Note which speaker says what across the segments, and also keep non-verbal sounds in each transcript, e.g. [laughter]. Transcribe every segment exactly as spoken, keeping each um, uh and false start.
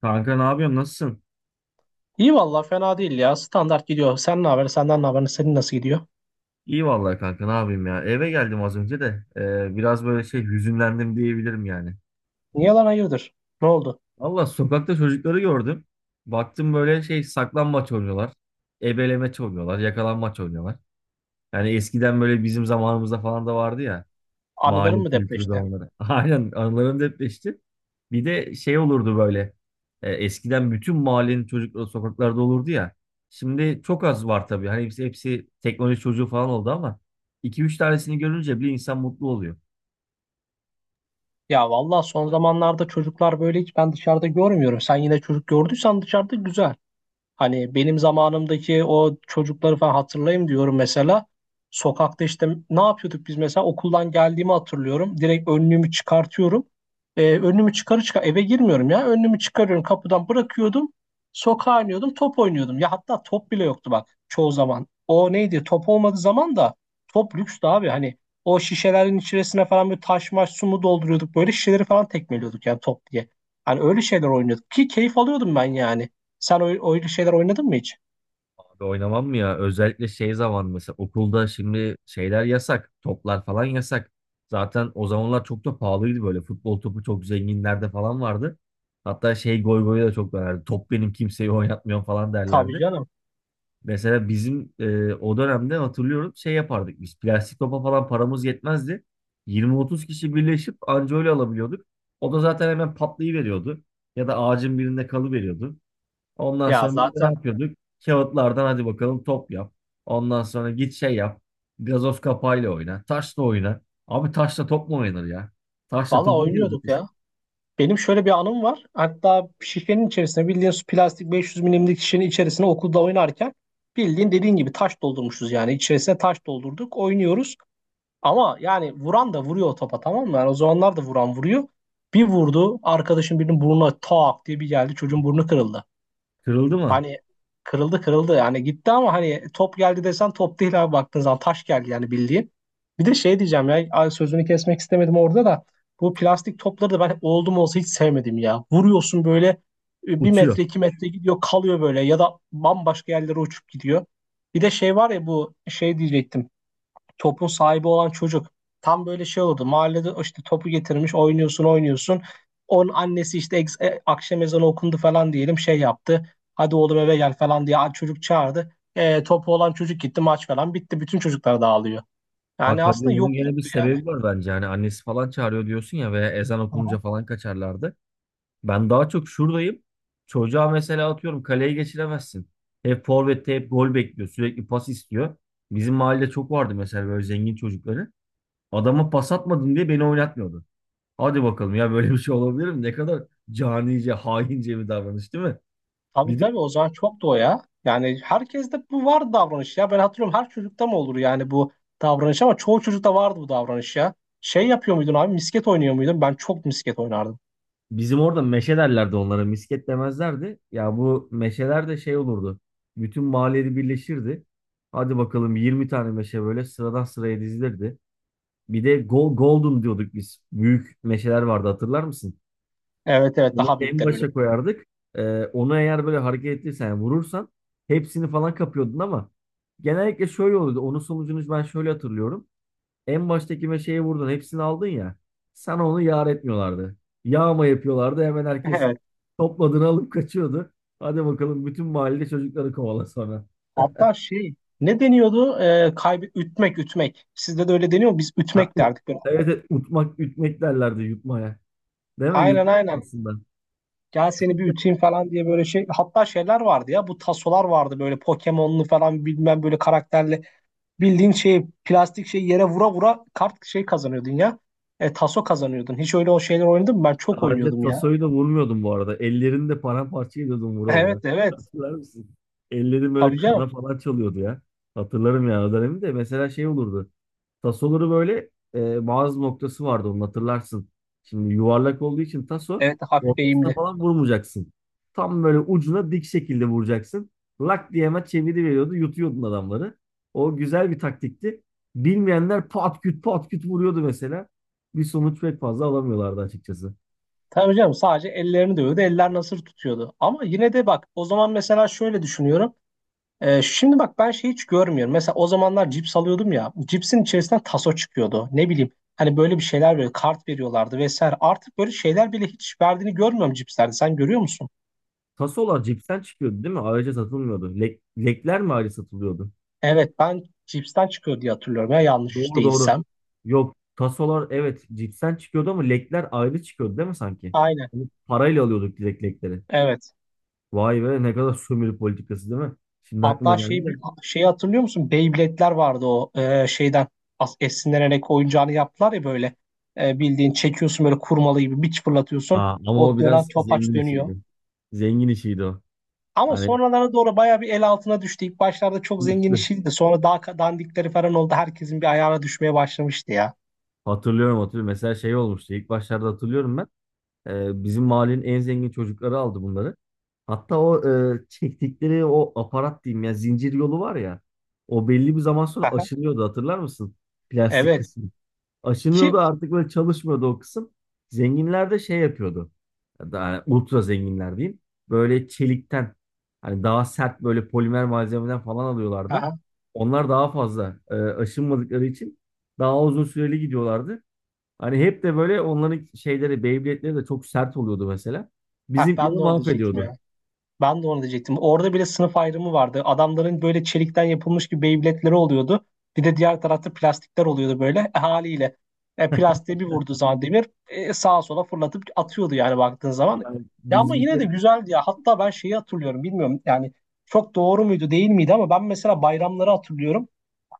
Speaker 1: Kanka ne yapıyorsun? Nasılsın?
Speaker 2: İyi valla fena değil ya. Standart gidiyor. Sen ne haber? Senden ne haber? Senin nasıl gidiyor?
Speaker 1: İyi vallahi kanka ne yapayım ya. Eve geldim az önce de e, biraz böyle şey hüzünlendim diyebilirim yani.
Speaker 2: Niye lan hayırdır? Ne oldu?
Speaker 1: Allah sokakta çocukları gördüm. Baktım böyle şey saklambaç oynuyorlar. Ebelemaç oynuyorlar. Yakalanmaç oynuyorlar. Yani eskiden böyle bizim zamanımızda falan da vardı ya.
Speaker 2: Anıların
Speaker 1: Mahalle
Speaker 2: mı
Speaker 1: kültürü de
Speaker 2: depreşti?
Speaker 1: onları. [laughs] Aynen anılarım depreşti. Bir de şey olurdu böyle. E, eskiden bütün mahallenin çocukları sokaklarda olurdu ya. Şimdi çok az var tabii. Hani hepsi, hepsi teknoloji çocuğu falan oldu ama iki üç tanesini görünce bir insan mutlu oluyor.
Speaker 2: Ya valla son zamanlarda çocuklar böyle hiç ben dışarıda görmüyorum. Sen yine çocuk gördüysen dışarıda güzel. Hani benim zamanımdaki o çocukları falan hatırlayayım diyorum mesela. Sokakta işte ne yapıyorduk biz mesela okuldan geldiğimi hatırlıyorum. Direkt önlüğümü çıkartıyorum. Ee, önlüğümü çıkarı çıkar eve girmiyorum ya. Önlüğümü çıkarıyorum kapıdan bırakıyordum. Sokağa iniyordum top oynuyordum. Ya hatta top bile yoktu bak çoğu zaman. O neydi top olmadığı zaman da top lükstü abi. Hani o şişelerin içerisine falan böyle taş maş su mu dolduruyorduk. Böyle şişeleri falan tekmeliyorduk yani top diye. Hani öyle şeyler oynuyorduk ki keyif alıyordum ben yani. Sen oy- oyun şeyler oynadın mı hiç?
Speaker 1: Abi oynamam mı ya? Özellikle şey zaman mesela okulda şimdi şeyler yasak. Toplar falan yasak. Zaten o zamanlar çok da pahalıydı böyle. Futbol topu çok zenginlerde falan vardı. Hatta şey goy goyu da çok dönerdi. Top benim kimseyi oynatmıyorum falan
Speaker 2: Tabii
Speaker 1: derlerdi.
Speaker 2: canım.
Speaker 1: Mesela bizim e, o dönemde hatırlıyorum şey yapardık biz. Plastik topa falan paramız yetmezdi. yirmi otuz kişi birleşip anca öyle alabiliyorduk. O da zaten hemen patlayıveriyordu. Ya da ağacın birinde kalıveriyordu. Ondan
Speaker 2: Ya
Speaker 1: sonra biz de ne
Speaker 2: zaten
Speaker 1: yapıyorduk? Kağıtlardan hadi bakalım top yap. Ondan sonra git şey yap. Gazoz kapağıyla oyna. Taşla oyna. Abi taşla top mu oynanır ya? Taşla
Speaker 2: valla
Speaker 1: top oynuyorduk
Speaker 2: oynuyorduk
Speaker 1: biz.
Speaker 2: ya. Benim şöyle bir anım var. Hatta şişenin içerisine bildiğin plastik beş yüz milimlik şişenin içerisine okulda oynarken bildiğin dediğin gibi taş doldurmuşuz yani. İçerisine taş doldurduk. Oynuyoruz. Ama yani vuran da vuruyor o topa, tamam mı? Yani o zamanlar da vuran vuruyor. Bir vurdu arkadaşın birinin burnuna tak diye bir geldi, çocuğun burnu kırıldı.
Speaker 1: Kırıldı mı?
Speaker 2: Hani kırıldı kırıldı yani gitti ama hani top geldi desen top değil abi, baktığın zaman taş geldi yani, bildiğin. Bir de şey diyeceğim ya, ay sözünü kesmek istemedim orada da bu plastik topları da ben oldum olsa hiç sevmedim ya. Vuruyorsun böyle, e, bir
Speaker 1: Uçuyor.
Speaker 2: metre iki metre gidiyor kalıyor böyle, ya da bambaşka yerlere uçup gidiyor. Bir de şey var ya, bu şey diyecektim, topun sahibi olan çocuk tam böyle şey oldu. Mahallede işte topu getirmiş, oynuyorsun oynuyorsun. Onun annesi işte ex- e, akşam ezanı okundu falan diyelim, şey yaptı. Hadi oğlum eve gel falan diye çocuk çağırdı. E, topu olan çocuk gitti, maç falan bitti. Bütün çocuklar dağılıyor. Yani
Speaker 1: Bak hadi
Speaker 2: aslında
Speaker 1: onun gene bir
Speaker 2: yokluktu yani.
Speaker 1: sebebi var bence. Hani annesi falan çağırıyor diyorsun ya veya ezan
Speaker 2: Hı
Speaker 1: okununca
Speaker 2: hı.
Speaker 1: falan kaçarlardı. Ben daha çok şuradayım. Çocuğa mesela atıyorum kaleye geçiremezsin. Hep forvette hep gol bekliyor. Sürekli pas istiyor. Bizim mahallede çok vardı mesela böyle zengin çocukları. Adama pas atmadın diye beni oynatmıyordu. Hadi bakalım ya böyle bir şey olabilir mi? Ne kadar canice, haince bir davranış değil mi?
Speaker 2: Tabii
Speaker 1: Bir de
Speaker 2: tabii o zaman çoktu o ya. Yani herkeste bu vardı davranış ya. Ben hatırlıyorum, her çocukta mı olur yani bu davranış, ama çoğu çocukta vardı bu davranış ya. Şey yapıyor muydun abi, misket oynuyor muydun? Ben çok misket oynardım.
Speaker 1: bizim orada meşe derlerdi onlara. Misket demezlerdi. Ya bu meşeler de şey olurdu. Bütün mahalleli birleşirdi. Hadi bakalım yirmi tane meşe böyle sıradan sıraya dizilirdi. Bir de Go- Golden diyorduk biz. Büyük meşeler vardı hatırlar mısın?
Speaker 2: Evet evet,
Speaker 1: Onu
Speaker 2: daha
Speaker 1: en
Speaker 2: büyükler böyle.
Speaker 1: başa koyardık. Ee, onu eğer böyle hareket ettiysen yani vurursan hepsini falan kapıyordun ama genellikle şöyle oluyordu. Onun sonucunu ben şöyle hatırlıyorum. En baştaki meşeyi vurdun hepsini aldın ya. Sana onu yar etmiyorlardı. Yağma yapıyorlardı. Hemen
Speaker 2: [laughs]
Speaker 1: herkes
Speaker 2: Evet.
Speaker 1: topladığını alıp kaçıyordu. Hadi bakalım bütün mahalle çocukları kovala sonra.
Speaker 2: Hatta şey, ne deniyordu? Ee, kaybı ütmek ütmek. Sizde de öyle deniyor mu? Biz
Speaker 1: Ha,
Speaker 2: ütmek
Speaker 1: ut-
Speaker 2: derdik böyle.
Speaker 1: evet, evet, utmak, ütmek derlerdi yutmaya. Değil mi?
Speaker 2: Aynen
Speaker 1: Yutmak
Speaker 2: aynen.
Speaker 1: aslında.
Speaker 2: Gel seni bir üteyim falan diye böyle şey. Hatta şeyler vardı ya, bu tasolar vardı böyle Pokemon'lu falan bilmem böyle karakterli. Bildiğin şey plastik şey yere vura vura kart şey kazanıyordun ya. E, taso kazanıyordun. Hiç öyle o şeyler oynadın mı? Ben çok
Speaker 1: Sadece
Speaker 2: oynuyordum ya. [laughs]
Speaker 1: tasoyu da vurmuyordum bu arada. Ellerini de paramparça ediyordum vura vura.
Speaker 2: Evet evet.
Speaker 1: Hatırlar mısın? Ellerim böyle
Speaker 2: Tabii
Speaker 1: kana
Speaker 2: canım.
Speaker 1: falan çalıyordu ya. Hatırlarım ya o dönemi de. Mesela şey olurdu. Tasoları böyle e, bazı noktası vardı onun hatırlarsın. Şimdi yuvarlak olduğu için taso
Speaker 2: Evet hafif
Speaker 1: ortasına
Speaker 2: eğimli.
Speaker 1: falan vurmayacaksın. Tam böyle ucuna dik şekilde vuracaksın. Lak diye hemen çeviri veriyordu. Yutuyordun adamları. O güzel bir taktikti. Bilmeyenler pat küt pat küt vuruyordu mesela. Bir sonuç pek fazla alamıyorlardı açıkçası.
Speaker 2: Tabii canım, sadece ellerini dövüyordu. Eller nasır tutuyordu. Ama yine de bak, o zaman mesela şöyle düşünüyorum. Ee, şimdi bak ben şey hiç görmüyorum. Mesela o zamanlar cips alıyordum ya. Cipsin içerisinden taso çıkıyordu. Ne bileyim hani böyle bir şeyler, böyle kart veriyorlardı vesaire. Artık böyle şeyler bile hiç verdiğini görmüyorum cipslerde. Sen görüyor musun?
Speaker 1: Tasolar cipsen çıkıyordu değil mi? Ayrıca satılmıyordu. Lek, lekler mi ayrı satılıyordu?
Speaker 2: Evet, ben cipsten çıkıyor diye hatırlıyorum ya, yanlış
Speaker 1: Doğru doğru.
Speaker 2: değilsem.
Speaker 1: Yok. Tasolar evet cipsen çıkıyordu ama lekler ayrı çıkıyordu değil mi sanki?
Speaker 2: Aynen.
Speaker 1: Onu parayla alıyorduk direkt lekleri.
Speaker 2: Evet.
Speaker 1: Vay be ne kadar sömürü politikası değil mi? Şimdi aklıma
Speaker 2: Hatta
Speaker 1: geldi
Speaker 2: şey,
Speaker 1: de.
Speaker 2: şeyi hatırlıyor musun? Beyblade'ler vardı, o e, şeyden as- esinlenerek oyuncağını yaptılar ya böyle. E, bildiğin çekiyorsun böyle kurmalı gibi, bir fırlatıyorsun.
Speaker 1: Aa, ama
Speaker 2: O
Speaker 1: o
Speaker 2: dönen
Speaker 1: biraz zengin
Speaker 2: topaç dönüyor.
Speaker 1: işiydi. Zengin işiydi o.
Speaker 2: Ama
Speaker 1: Hani
Speaker 2: sonralara doğru bayağı bir el altına düştü. İlk başlarda çok zengin
Speaker 1: üstü.
Speaker 2: işiydi. Sonra daha ka- dandikleri falan oldu. Herkesin bir ayağına düşmeye başlamıştı ya.
Speaker 1: Hatırlıyorum hatırlıyorum. Mesela şey olmuştu. İlk başlarda hatırlıyorum ben. Ee, bizim mahallenin en zengin çocukları aldı bunları. Hatta o e, çektikleri o aparat diyeyim ya zincir yolu var ya. O belli bir zaman sonra
Speaker 2: Aha,
Speaker 1: aşınıyordu hatırlar mısın? Plastik
Speaker 2: evet.
Speaker 1: kısmı. Aşınıyordu
Speaker 2: Ki
Speaker 1: artık böyle çalışmıyordu o kısım. Zenginler de şey yapıyordu. Yani ultra zenginler diyeyim. Böyle çelikten hani daha sert böyle polimer malzemeden falan alıyorlardı.
Speaker 2: aha,
Speaker 1: Onlar daha fazla e, aşınmadıkları için daha uzun süreli gidiyorlardı. Hani hep de böyle onların şeyleri, Beyblade'leri de çok sert oluyordu mesela.
Speaker 2: ha, Ben
Speaker 1: Bizimkileri
Speaker 2: de onu diyecektim
Speaker 1: mahvediyordu.
Speaker 2: ya. Ben de onu diyecektim. Orada bile sınıf ayrımı vardı. Adamların böyle çelikten yapılmış gibi Beyblade'leri oluyordu. Bir de diğer tarafta plastikler oluyordu böyle E, haliyle. E, plastiğe bir vurduğu zaman demir e, sağa sola fırlatıp atıyordu yani, baktığın zaman.
Speaker 1: Yani
Speaker 2: Ya ama yine de
Speaker 1: bizimkileri
Speaker 2: güzeldi ya. Hatta ben şeyi hatırlıyorum. Bilmiyorum yani, çok doğru muydu değil miydi, ama ben mesela bayramları hatırlıyorum.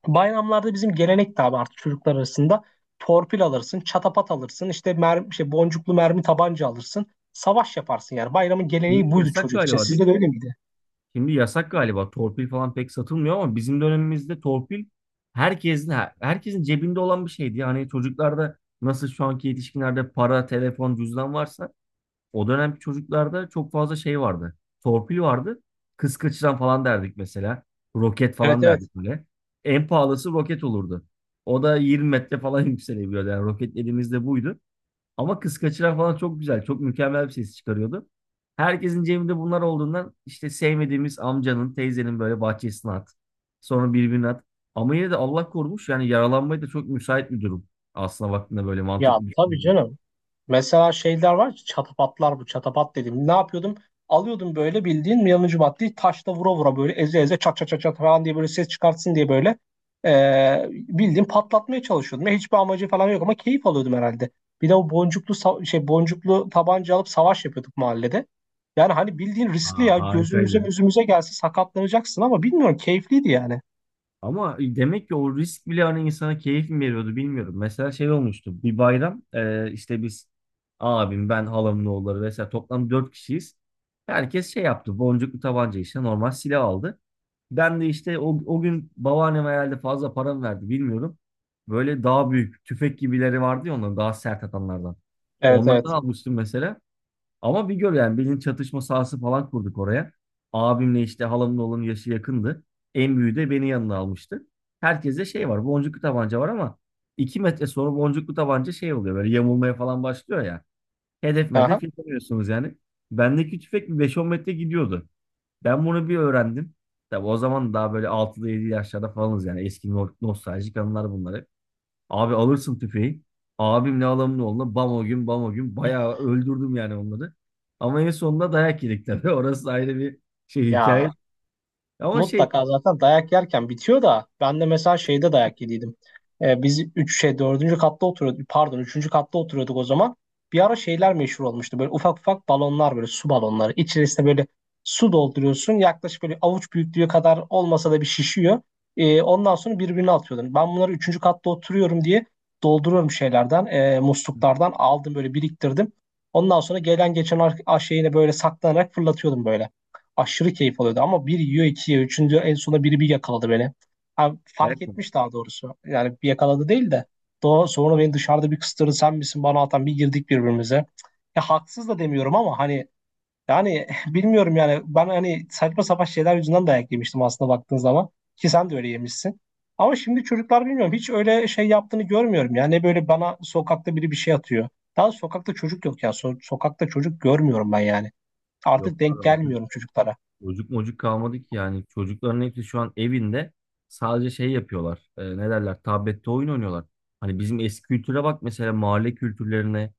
Speaker 2: Bayramlarda bizim gelenek de abi, artık çocuklar arasında torpil alırsın, çatapat alırsın, işte mermi, işte boncuklu mermi tabanca alırsın. Savaş yaparsın yani. Bayramın geleneği
Speaker 1: şimdi
Speaker 2: buydu
Speaker 1: yasak
Speaker 2: çocuk için.
Speaker 1: galiba değil
Speaker 2: Sizde de
Speaker 1: mi?
Speaker 2: öyle miydi?
Speaker 1: Şimdi yasak galiba. Torpil falan pek satılmıyor ama bizim dönemimizde torpil herkesin herkesin cebinde olan bir şeydi. Yani çocuklarda nasıl şu anki yetişkinlerde para, telefon, cüzdan varsa. O dönemki çocuklarda çok fazla şey vardı. Torpil vardı. Kız kaçıran falan derdik mesela. Roket
Speaker 2: Evet
Speaker 1: falan
Speaker 2: evet.
Speaker 1: derdik böyle. En pahalısı roket olurdu. O da yirmi metre falan [laughs] yükselebiliyordu. Yani roket elimizde buydu. Ama kız kaçıran falan çok güzel. Çok mükemmel bir ses çıkarıyordu. Herkesin cebinde bunlar olduğundan işte sevmediğimiz amcanın, teyzenin böyle bahçesine at. Sonra birbirine at. Ama yine de Allah korumuş. Yani yaralanmaya da çok müsait bir durum. Aslına baktığında böyle
Speaker 2: Ya
Speaker 1: mantıklı
Speaker 2: tabii
Speaker 1: düşünüyorum.
Speaker 2: canım. Mesela şeyler var ki çatapatlar, bu çatapat dedim, ne yapıyordum? Alıyordum böyle bildiğin yanıcı maddeyi, taşla vura vura, böyle eze eze çat çat çat çat falan diye, böyle ses çıkartsın diye böyle eee bildiğin patlatmaya çalışıyordum. Ya, hiçbir amacı falan yok ama keyif alıyordum herhalde. Bir de o boncuklu sa- şey boncuklu tabanca alıp savaş yapıyorduk mahallede. Yani hani bildiğin riskli
Speaker 1: Aa,
Speaker 2: ya, gözümüze
Speaker 1: harikaydı.
Speaker 2: gözümüze gelse sakatlanacaksın ama bilmiyorum, keyifliydi yani.
Speaker 1: Ama demek ki o risk bile hani insana keyif mi veriyordu bilmiyorum. Mesela şey olmuştu. Bir bayram e, işte biz abim, ben, halamın oğulları vesaire toplam dört kişiyiz. Herkes şey yaptı. Boncuklu tabanca işte normal silah aldı. Ben de işte o, o gün babaannem herhalde fazla para mı verdi bilmiyorum. Böyle daha büyük tüfek gibileri vardı ya onların daha sert atanlardan.
Speaker 2: Evet evet.
Speaker 1: Onlardan almıştım mesela. Ama bir gör yani bilin çatışma sahası falan kurduk oraya. Abimle işte halamın oğlunun yaşı yakındı. En büyüğü de beni yanına almıştı. Herkese şey var boncuklu tabanca var ama iki metre sonra boncuklu tabanca şey oluyor böyle yamulmaya falan başlıyor ya. Hedef
Speaker 2: Aha.
Speaker 1: medef yapamıyorsunuz yani. Bendeki tüfek bir beş on metre gidiyordu. Ben bunu bir öğrendim. Tabi o zaman daha böyle altıda yedi yaşlarda falanız yani eski no- nostaljik anılar bunları. Abi alırsın tüfeği. Abimle alamın oğluna bam o gün bam o gün bayağı öldürdüm yani onları. Ama en sonunda dayak yedik tabii. [laughs] Orası ayrı bir şey hikaye.
Speaker 2: Ya
Speaker 1: Ama şey
Speaker 2: mutlaka zaten dayak yerken bitiyor da, ben de mesela şeyde dayak yediydim. Ee, biz üç şey dördüncü katta oturuyorduk, pardon üçüncü katta oturuyorduk o zaman. Bir ara şeyler meşhur olmuştu, böyle ufak ufak balonlar, böyle su balonları. İçerisine böyle su dolduruyorsun, yaklaşık böyle avuç büyüklüğü kadar olmasa da bir şişiyor. Ee, ondan sonra birbirine atıyordun. Ben bunları üçüncü katta oturuyorum diye dolduruyorum şeylerden, e, musluklardan aldım böyle, biriktirdim. Ondan sonra gelen geçen ar- şeyine böyle saklanarak fırlatıyordum, böyle aşırı keyif alıyordu ama bir yiyor iki yiyor. Üçüncü en sona biri bir yakaladı beni. Ha, fark
Speaker 1: dayak mı?
Speaker 2: etmiş daha doğrusu. Yani bir yakaladı değil de. Daha sonra beni dışarıda bir kıstırdı, sen misin bana atan, bir girdik birbirimize. Ya haksız da demiyorum ama hani, yani [laughs] bilmiyorum yani, ben hani saçma sapan şeyler yüzünden dayak yemiştim aslında, baktığın zaman. Ki sen de öyle yemişsin. Ama şimdi çocuklar bilmiyorum, hiç öyle şey yaptığını görmüyorum. Yani böyle bana sokakta biri bir şey atıyor. Daha sokakta çocuk yok ya. So- sokakta çocuk görmüyorum ben yani.
Speaker 1: Yok
Speaker 2: Artık denk
Speaker 1: abi.
Speaker 2: gelmiyorum çocuklara.
Speaker 1: Çocuk mocuk kalmadı ki yani. Çocukların hepsi şu an evinde sadece şey yapıyorlar. E, ne derler? Tablette oyun oynuyorlar. Hani bizim eski kültüre bak mesela mahalle kültürlerine.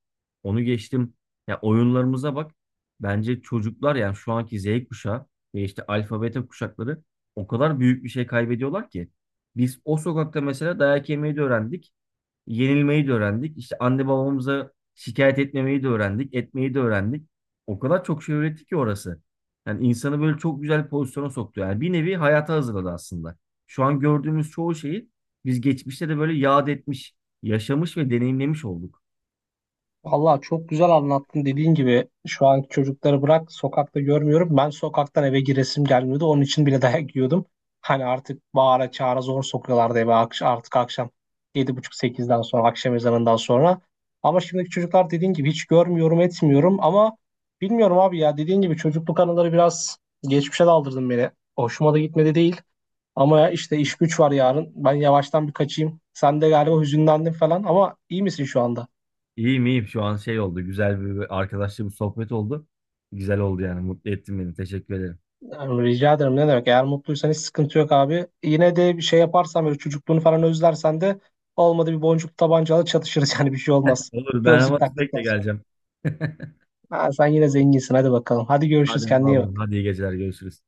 Speaker 1: Onu geçtim. Ya oyunlarımıza bak. Bence çocuklar yani şu anki Z kuşağı ve işte alfa beta kuşakları o kadar büyük bir şey kaybediyorlar ki. Biz o sokakta mesela dayak yemeyi de öğrendik yenilmeyi de öğrendik. İşte anne babamıza şikayet etmemeyi de öğrendik, etmeyi de öğrendik. O kadar çok şey öğretti ki orası. Yani insanı böyle çok güzel bir pozisyona soktu. Yani bir nevi hayata hazırladı aslında. Şu an gördüğümüz çoğu şeyi biz geçmişte de böyle yad etmiş, yaşamış ve deneyimlemiş olduk.
Speaker 2: Vallahi çok güzel anlattın, dediğin gibi şu anki çocukları bırak, sokakta görmüyorum. Ben sokaktan eve giresim gelmiyordu. Onun için bile [laughs] dayak yiyordum. Hani artık bağıra çağıra zor sokuyorlardı eve akş- artık akşam yedi buçuk sekizden sonra, akşam ezanından sonra. Ama şimdiki çocuklar dediğin gibi hiç görmüyorum etmiyorum ama bilmiyorum abi ya, dediğin gibi çocukluk anıları biraz geçmişe daldırdın beni. Hoşuma da gitmedi değil ama ya, işte iş güç var yarın, ben yavaştan bir kaçayım. Sen de galiba hüzünlendin falan ama iyi misin şu anda?
Speaker 1: İyiyim iyiyim şu an şey oldu. Güzel bir arkadaşla bir sohbet oldu. Güzel oldu yani. Mutlu ettin beni. Teşekkür ederim.
Speaker 2: Tamam, rica ederim, ne demek. Eğer mutluysan hiç sıkıntı yok abi. Yine de bir şey yaparsan, böyle çocukluğunu falan özlersen de, olmadı bir boncuk tabancalı çatışırız [laughs] yani, bir şey olmaz.
Speaker 1: Olur ben
Speaker 2: Gözlük
Speaker 1: ama tüfekle
Speaker 2: taktıktan sonra.
Speaker 1: geleceğim. [laughs]
Speaker 2: Ha, sen yine zenginsin, hadi bakalım. Hadi görüşürüz,
Speaker 1: Hadi
Speaker 2: kendine iyi
Speaker 1: eyvallah.
Speaker 2: bak.
Speaker 1: Hadi iyi geceler. Görüşürüz.